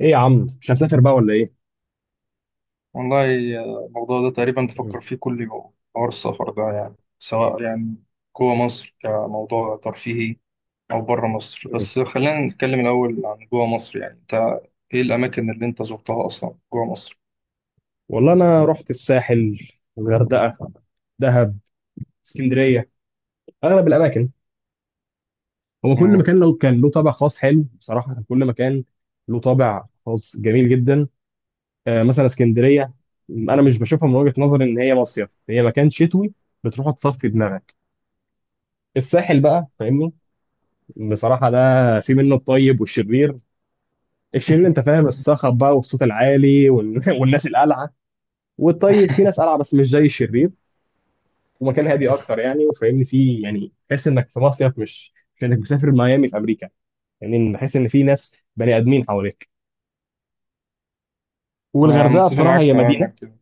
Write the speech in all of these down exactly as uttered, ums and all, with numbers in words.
ايه يا عم، مش هسافر بقى ولا ايه؟ والله. آه، الموضوع ده تقريبا بفكر فيه كل يوم، حوار السفر ده، يعني سواء يعني جوه مصر كموضوع ترفيهي أو بره مصر. بس خلينا نتكلم الأول عن جوه مصر. يعني أنت إيه الأماكن اللي أنت زرتها أصلا جوه مصر؟ والله انا رحت الساحل، الغردقه، دهب، اسكندريه، اغلب الاماكن. هو كل مم. مكان لو كان له طابع خاص حلو، بصراحه كان كل مكان له طابع خاص جميل جدا. آه، مثلا اسكندريه، انا مش بشوفها من وجهه نظري ان هي مصيف، هي مكان شتوي بتروح تصفي دماغك. الساحل بقى فاهمني، بصراحه ده في منه الطيب والشرير. الشرير انت فاهم الصخب بقى والصوت العالي وال- والناس القلعه. والطيب في ناس قلعه بس مش زي الشرير، ومكان هادي اكتر يعني وفاهمني فيه، يعني تحس انك في مصيف، مش مش انك مسافر ميامي في امريكا. يعني إن- بحس ان في ناس بني ادمين حواليك. أنا والغردقه متفق بصراحه معاك هي تماما مدينه. كده.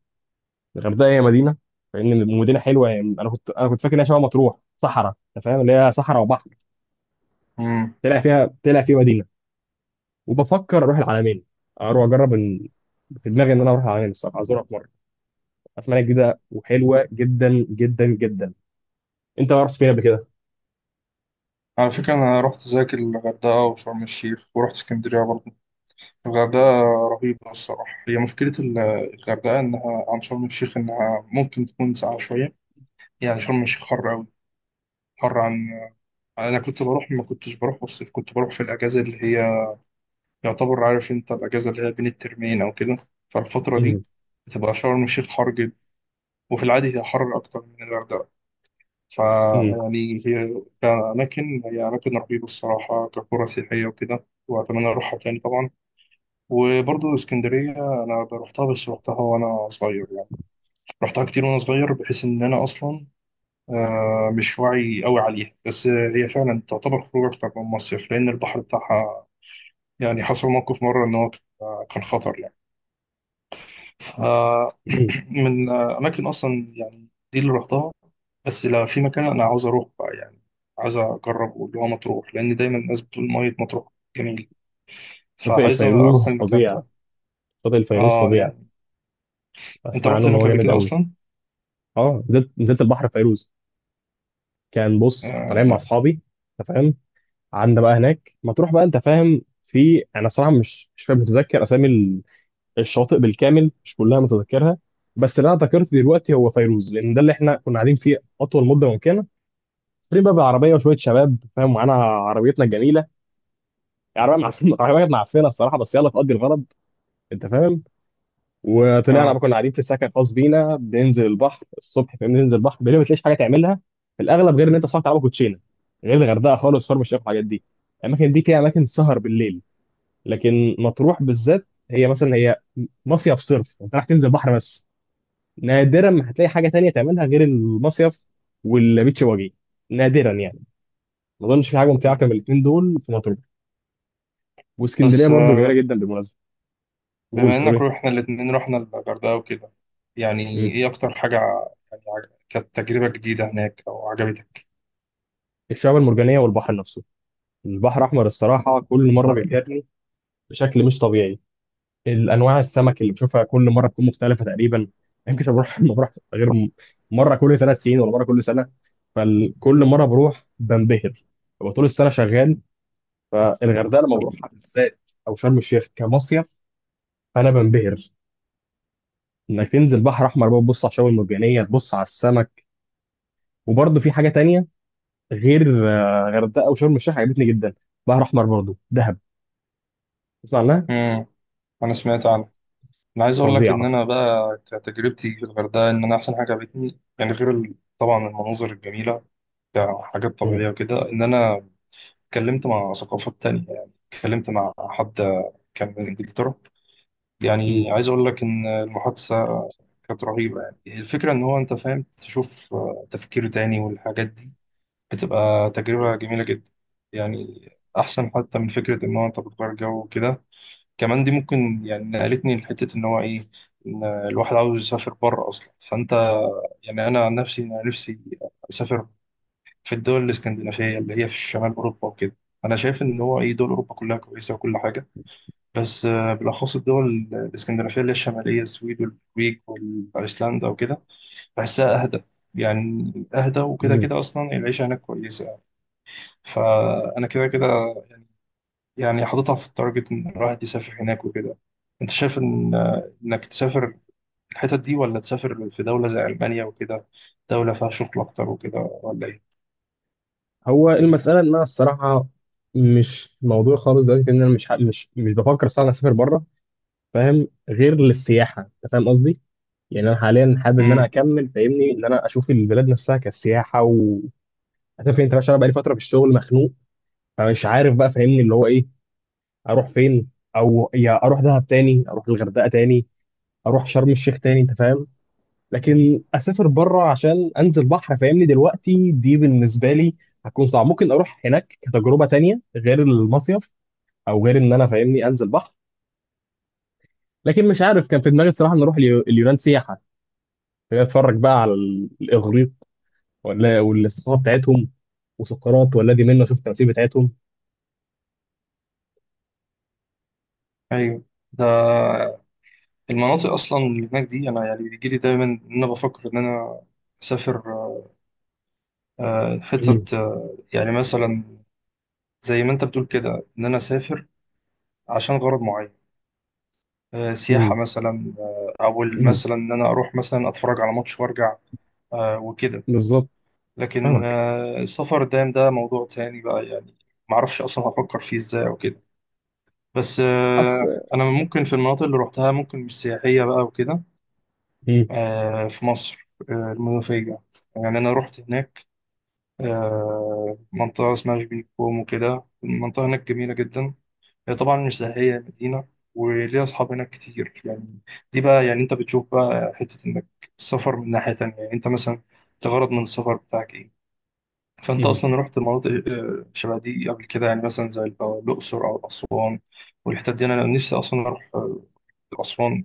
الغردقه هي مدينه فاهمني، مدينه حلوه يعني. انا كنت انا كنت فاكر انها شبه مطروح صحراء، انت فاهم اللي هي صحراء وبحر. مم. طلع فيها طلع فيه مدينه. وبفكر اروح العلمين، اروح اجرب إن- في دماغي ان انا اروح العلمين الصراحه ازورها في مره. اسمها جديده وحلوه جدا جدا جدا. انت رحت فين قبل كده؟ على فكرة أنا رحت زيك الغردقة وشرم الشيخ، ورحت اسكندرية برضه. الغردقة رهيبة الصراحة. هي مشكلة ال- الغردقة، إنها عن شرم الشيخ إنها ممكن تكون ساقعة شوية. يعني شرم الشيخ حر أوي، حر عن، انا كنت بروح، ما كنتش بروح في الصيف، كنت بروح في الاجازه اللي هي، يعتبر عارف انت، الاجازه اللي هي بين الترمين او كده. فالفتره دي امم. بتبقى شرم الشيخ حر جدا، وفي العادي هي حر اكتر من الغردقه. ف امم. يعني هي كأماكن، هي أماكن رهيبة الصراحة كقرى سياحية وكده، وأتمنى أروحها تاني طبعا. وبرضه اسكندرية، أنا رحتها بس رحتها وأنا صغير يعني. رحتها كتير وأنا صغير، بحيث إن أنا أصلا آه، مش واعي قوي عليها. بس هي فعلا تعتبر خروج أكتر من مصيف، لأن البحر بتاعها يعني حصل موقف مرة إن هو كان خطر يعني. امم. فمن أماكن أصلا يعني دي اللي رحتها. بس لا، في مكان أنا عاوز أروح بقى يعني، عايز أجربه، اللي هو مطروح، لأن دايما الناس بتقول مية مطروح جميل. شاطئ فعايز أروح الفيروز المكان فظيع. ده. شاطئ الفيروز آه فظيع. يعني أنت اسمع عنه رحت ان هو هناك قبل جامد كده قوي. أصلا؟ اه، نزلت نزلت البحر في فيروز. كان بص كنت آه طالعين مع لا. اصحابي، انت فاهم، قعدنا بقى هناك ما تروح بقى انت فاهم. في انا صراحه مش مش فاهم متذكر اسامي ال- الشواطئ بالكامل، مش كلها متذكرها. بس اللي انا ذكرت دلوقتي هو فيروز، لان ده اللي احنا كنا قاعدين فيه اطول مده ممكنه. طالعين بقى بالعربيه، وشويه شباب فاهم، معانا عربيتنا الجميله. العربيه معفنه، العربيه معفنه الصراحه، بس يلا تقضي الغرض، انت فاهم. وطلعنا بقى، آه. كنا قاعدين في سكن خاص بينا، بننزل البحر الصبح، فاهم، ننزل البحر بالليل ما تلاقيش حاجه تعملها في الاغلب، غير ان انت صاحي تلعب كوتشينه. غير الغردقه خالص، شرم الشيخ والحاجات دي، الاماكن دي فيها اماكن سهر بالليل. لكن مطروح بالذات، هي مثلا هي مصيف صرف، انت رايح تنزل بحر بس. نادرا ما هتلاقي حاجه تانية تعملها غير المصيف والبيتش واجي، نادرا يعني. ما اظنش في حاجه ممتعه كان مم. من الاثنين دول في مطروح. واسكندريه بس برضو جميله آه جدا بالمناسبه. قول بما بتقول إنك ايه. روحنا الاتنين، رحنا الغردقة وكده، يعني مم. إيه أكتر حاجة، يعني عج- كانت تجربة جديدة هناك أو عجبتك؟ الشعاب المرجانيه والبحر نفسه، البحر الأحمر الصراحة كل مرة بيبهرني بشكل مش طبيعي. الأنواع السمك اللي بشوفها كل مرة بتكون مختلفة تقريبا. يمكن بروح ما بروح غير م- مرة كل ثلاث سنين ولا مرة كل سنة. فكل مرة بروح بنبهر، ببقى طول السنة شغال. فالغردقة لما بروحها بالذات، أو شرم الشيخ كمصيف، أنا بنبهر. إنك تنزل بحر أحمر بقى، تبص على الشعاب المرجانية، تبص على السمك، وبرضه في حاجة تانية غير آه، غردقة وشرم الشيخ، عجبتني جدا. بحر أحمر برضه، دهب، تسمع عنها. مم. أنا سمعت عنها. انا عايز اقول لك ان فظيعة. انا بقى كتجربتي في الغردقه، ان انا احسن حاجه عجبتني يعني، غير ال- طبعا المناظر الجميله كحاجات مم. طبيعيه وكده، ان انا اتكلمت مع ثقافات تانية. يعني اتكلمت مع حد كان من انجلترا. يعني عايز اقول لك ان المحادثه كانت رهيبه، يعني الفكره ان هو، انت فاهم، تشوف تفكير تاني والحاجات دي، بتبقى مم. تجربه جميله جدا يعني. احسن حتى من فكره ان هو انت بتغير جو وكده. كمان دي ممكن يعني نقلتني لحتة إن هو إيه، إن الواحد عاوز يسافر بره أصلا. فأنت، يعني أنا عن نفسي، أنا نفسي أسافر في الدول الإسكندنافية اللي هي في شمال أوروبا وكده. أنا شايف إن هو إيه، دول أوروبا كلها كويسة وكل حاجة، بس آه، بالأخص الدول الإسكندنافية اللي هي الشمالية، السويد والنرويج وأيسلندا وكده، بحسها أهدى. يعني أهدى وكده، مم. كده أصلا العيشة هناك كويسة يعني. فأنا كده كده يعني حاططها في التارجت إن الواحد يسافر هناك وكده. أنت شايف إن إنك تسافر الحتت دي، ولا تسافر في دولة زي ألمانيا وكده، دولة فيها شغل أكتر وكده، ولا إيه؟ هو المسألة إن أنا الصراحة مش موضوع خالص دلوقتي، إن أنا مش ح- مش مش بفكر الصراحة أسافر بره، فاهم، غير للسياحة. أنت فاهم قصدي؟ يعني أنا حاليا حابب إن أنا امم أكمل فاهمني، إن أنا أشوف البلاد نفسها كسياحة، و عارف أنت بقى، عشان أنا بقالي فترة في الشغل مخنوق. فمش عارف بقى فاهمني اللي هو إيه، أروح فين، أو يا أروح دهب تاني، أروح الغردقة تاني، أروح شرم الشيخ تاني، أنت فاهم؟ لكن اسافر بره عشان انزل بحر، فاهمني دلوقتي دي بالنسبه لي هتكون صعب، ممكن اروح هناك كتجربه تانية غير المصيف، او غير ان انا فاهمني انزل بحر. لكن مش عارف، كان في دماغي الصراحه ان اروح اليو- اليونان سياحه، اتفرج بقى على ال- الاغريق، ولا والاستقامه بتاعتهم، وسقراط والذي منا، شوف التماثيل بتاعتهم. أيوه. ده المناطق أصلا اللي هناك دي، أنا يعني بيجيلي دايما إن أنا بفكر إن أنا أسافر آه، مم. حتت، آه، يعني مثلا زي ما أنت بتقول كده إن أنا أسافر عشان غرض معين، آه، سياحة مم. مثلا، آه، أو مم. مثلا إن أنا أروح مثلا أتفرج على ماتش وأرجع، آه، وكده. بالظبط. لكن فاهمك. آه، السفر الدائم ده موضوع تاني بقى يعني، معرفش أصلا هفكر فيه إزاي أو كده. بس أص... آه، أنا ممكن في المناطق اللي روحتها ممكن مش سياحية بقى وكده. مم. آه، في مصر، آه، المنوفية، يعني أنا رحت هناك. آه، منطقة اسمها شبين كوم وكده. المنطقة هناك جميلة جدا، هي طبعا مش سياحية، هي مدينة وليها أصحاب هناك كتير يعني. دي بقى يعني أنت بتشوف بقى حتة إنك، السفر من ناحية تانية، يعني أنت مثلا الغرض من السفر بتاعك إيه. فأنت مم. أصلا رحت مناطق آه، شبه دي قبل كده يعني، مثلا زي الأقصر أو أسوان والحتت دي. أنا نفسي أصلا أروح آه، أسوان،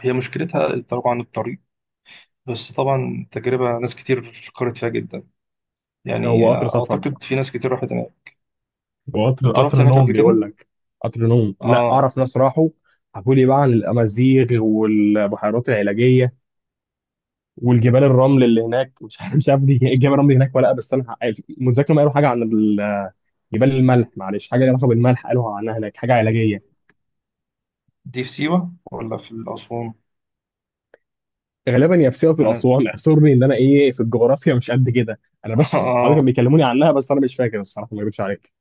هي مشكلتها طبعا الطريق، بس طبعا تجربة ناس كتير شكرت فيها جدا يعني. هو قطر آه، سفر، أعتقد في ناس كتير راحت هناك. وقطر أنت رحت قطر هناك نوم قبل كده؟ بيقول لك. قطر نوم، لا آه. اعرف ناس راحوا، حكوا لي بقى عن الامازيغ والبحيرات العلاجيه والجبال الرمل اللي هناك مش عارف مش عارف دي إيه جبال الرمل هناك ولا لأ، بس انا ح- متذكر ما قالوا حاجه عن ال- جبال الملح، معلش حاجه ليها علاقه بالملح، قالوا عنها هناك حاجه علاجيه. دي في سيوة ولا في أسوان؟ غالبا يا في سيوه في أنا الاسوان اعذرني ان انا ايه في الجغرافيا مش قد كده. انا بس صحابي كانوا آه بيكلموني عنها، بس انا مش فاكر الصراحه، ما اكذبش عليك.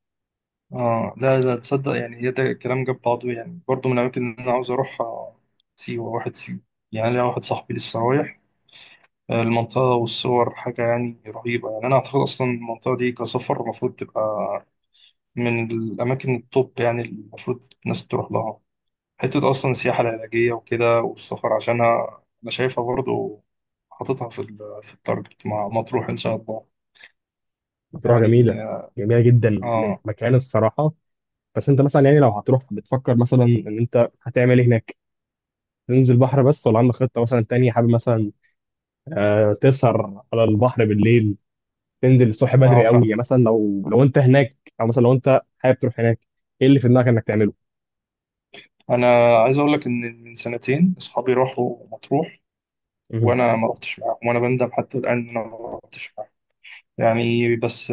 آه لا لا تصدق يعني، هي ده الكلام جاب بعضه يعني. برضه من الأماكن اللي أنا عاوز أروح، سيوة، واحد سيوة. يعني ليا واحد صاحبي لسه رايح المنطقة، والصور حاجة يعني رهيبة. يعني أنا أعتقد أصلا المنطقة دي كسفر المفروض تبقى من الأماكن التوب يعني، اللي المفروض الناس تروح لها. حتة أصلا السياحة العلاجية وكده، والسفر عشانها أنا شايفها برضو حاططها في ال- في التارجت مع مطروح إن شاء الله. مطروح يعني جميله، جميله جدا، آه مكان الصراحه. بس انت مثلا يعني لو هتروح، بتفكر مثلا ان انت هتعمل ايه هناك؟ تنزل بحر بس، ولا عندك خطة مثلا تانية، حابب مثلا آه، تسهر على البحر بالليل، تنزل الصبح آه بدري قوي فاهم. يعني؟ مثلا لو لو انت هناك، او مثلا لو انت حابب تروح هناك، ايه اللي في دماغك انك تعمله؟ أنا عايز أقول لك إن من سنتين أصحابي راحوا مطروح، مهم. وأنا ما رحتش معاهم، وأنا بندم حتى الآن إن أنا ما رحتش معاهم يعني. بس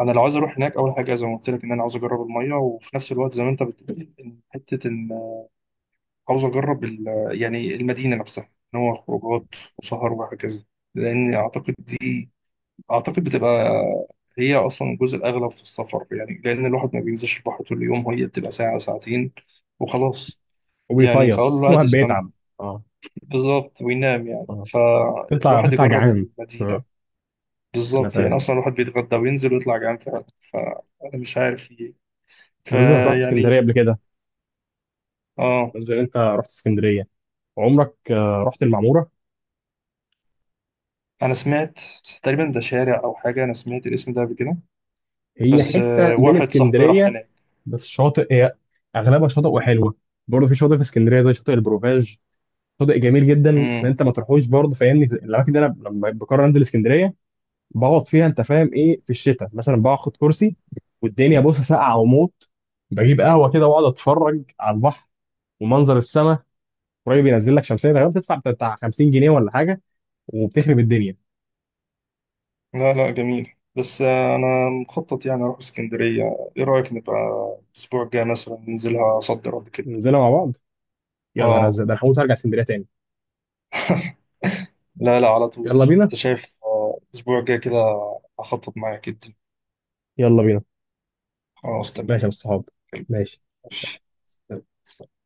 انا لو عايز اروح هناك، اول حاجه زي ما قلت لك ان انا عاوز اجرب الميه، وفي نفس الوقت زي ما انت بتقول إن حته ان عاوز اجرب ال- يعني المدينه نفسها، ان هو خروجات وسهر وهكذا. لان اعتقد دي، اعتقد بتبقى هي اصلا الجزء الاغلب في السفر يعني، لان الواحد ما بينزلش البحر طول اليوم، هي بتبقى ساعه ساعتين وخلاص يعني. فاقول له وبيفيص الواحد الواحد يستمتع بيتعب. اه. بالظبط وينام، يعني اه، تطلع فالواحد تطلع يجرب جعان. المدينه. آه، انا بالظبط فاهم. يعني اصلا الواحد بيتغدى وينزل ويطلع جعان فعلا. فانا مش عارف، بالنسبة انك رحت اسكندرية فيعني قبل كده، اه. بالنسبة ان انت رحت اسكندرية، عمرك آه، رحت المعمورة؟ انا سمعت، بس تقريبا ده شارع او حاجه، انا سمعت الاسم ده قبل كده. هي بس حتة آه من واحد صاحبي راح اسكندرية، هناك. بس شاطئ هي، اغلبها شاطئ وحلوة. برضه في شاطئ في اسكندرية زي شاطئ البروفاج، شاطئ جميل جدا ان امم انت ما تروحوش برضه، فاهمني الاماكن دي، انا لما بقرر انزل اسكندريه بقعد فيها. انت فاهم ايه في الشتاء مثلا؟ باخد كرسي والدنيا بص ساقعه وموت، بجيب قهوه كده واقعد اتفرج على البحر ومنظر السماء. قريب ينزل لك شمسيه، غالبا بتدفع بتاع خمسين جنيه ولا حاجه، وبتخرب الدنيا. لا لا جميل. بس آه انا مخطط يعني اروح اسكندريه. ايه رايك نبقى الاسبوع الجاي مثلا ننزلها صد رد كده. ننزلها مع بعض. يا نهار اه ازرق، ده انا هموت، هرجع اسكندريه تاني. لا لا، على طول. يلا بينا. انت شايف آه، الاسبوع الجاي كده. هخطط معاك جدا. يلا بينا. خلاص ماشي تمام. يا أبو الصحاب، ماشي. ماشي.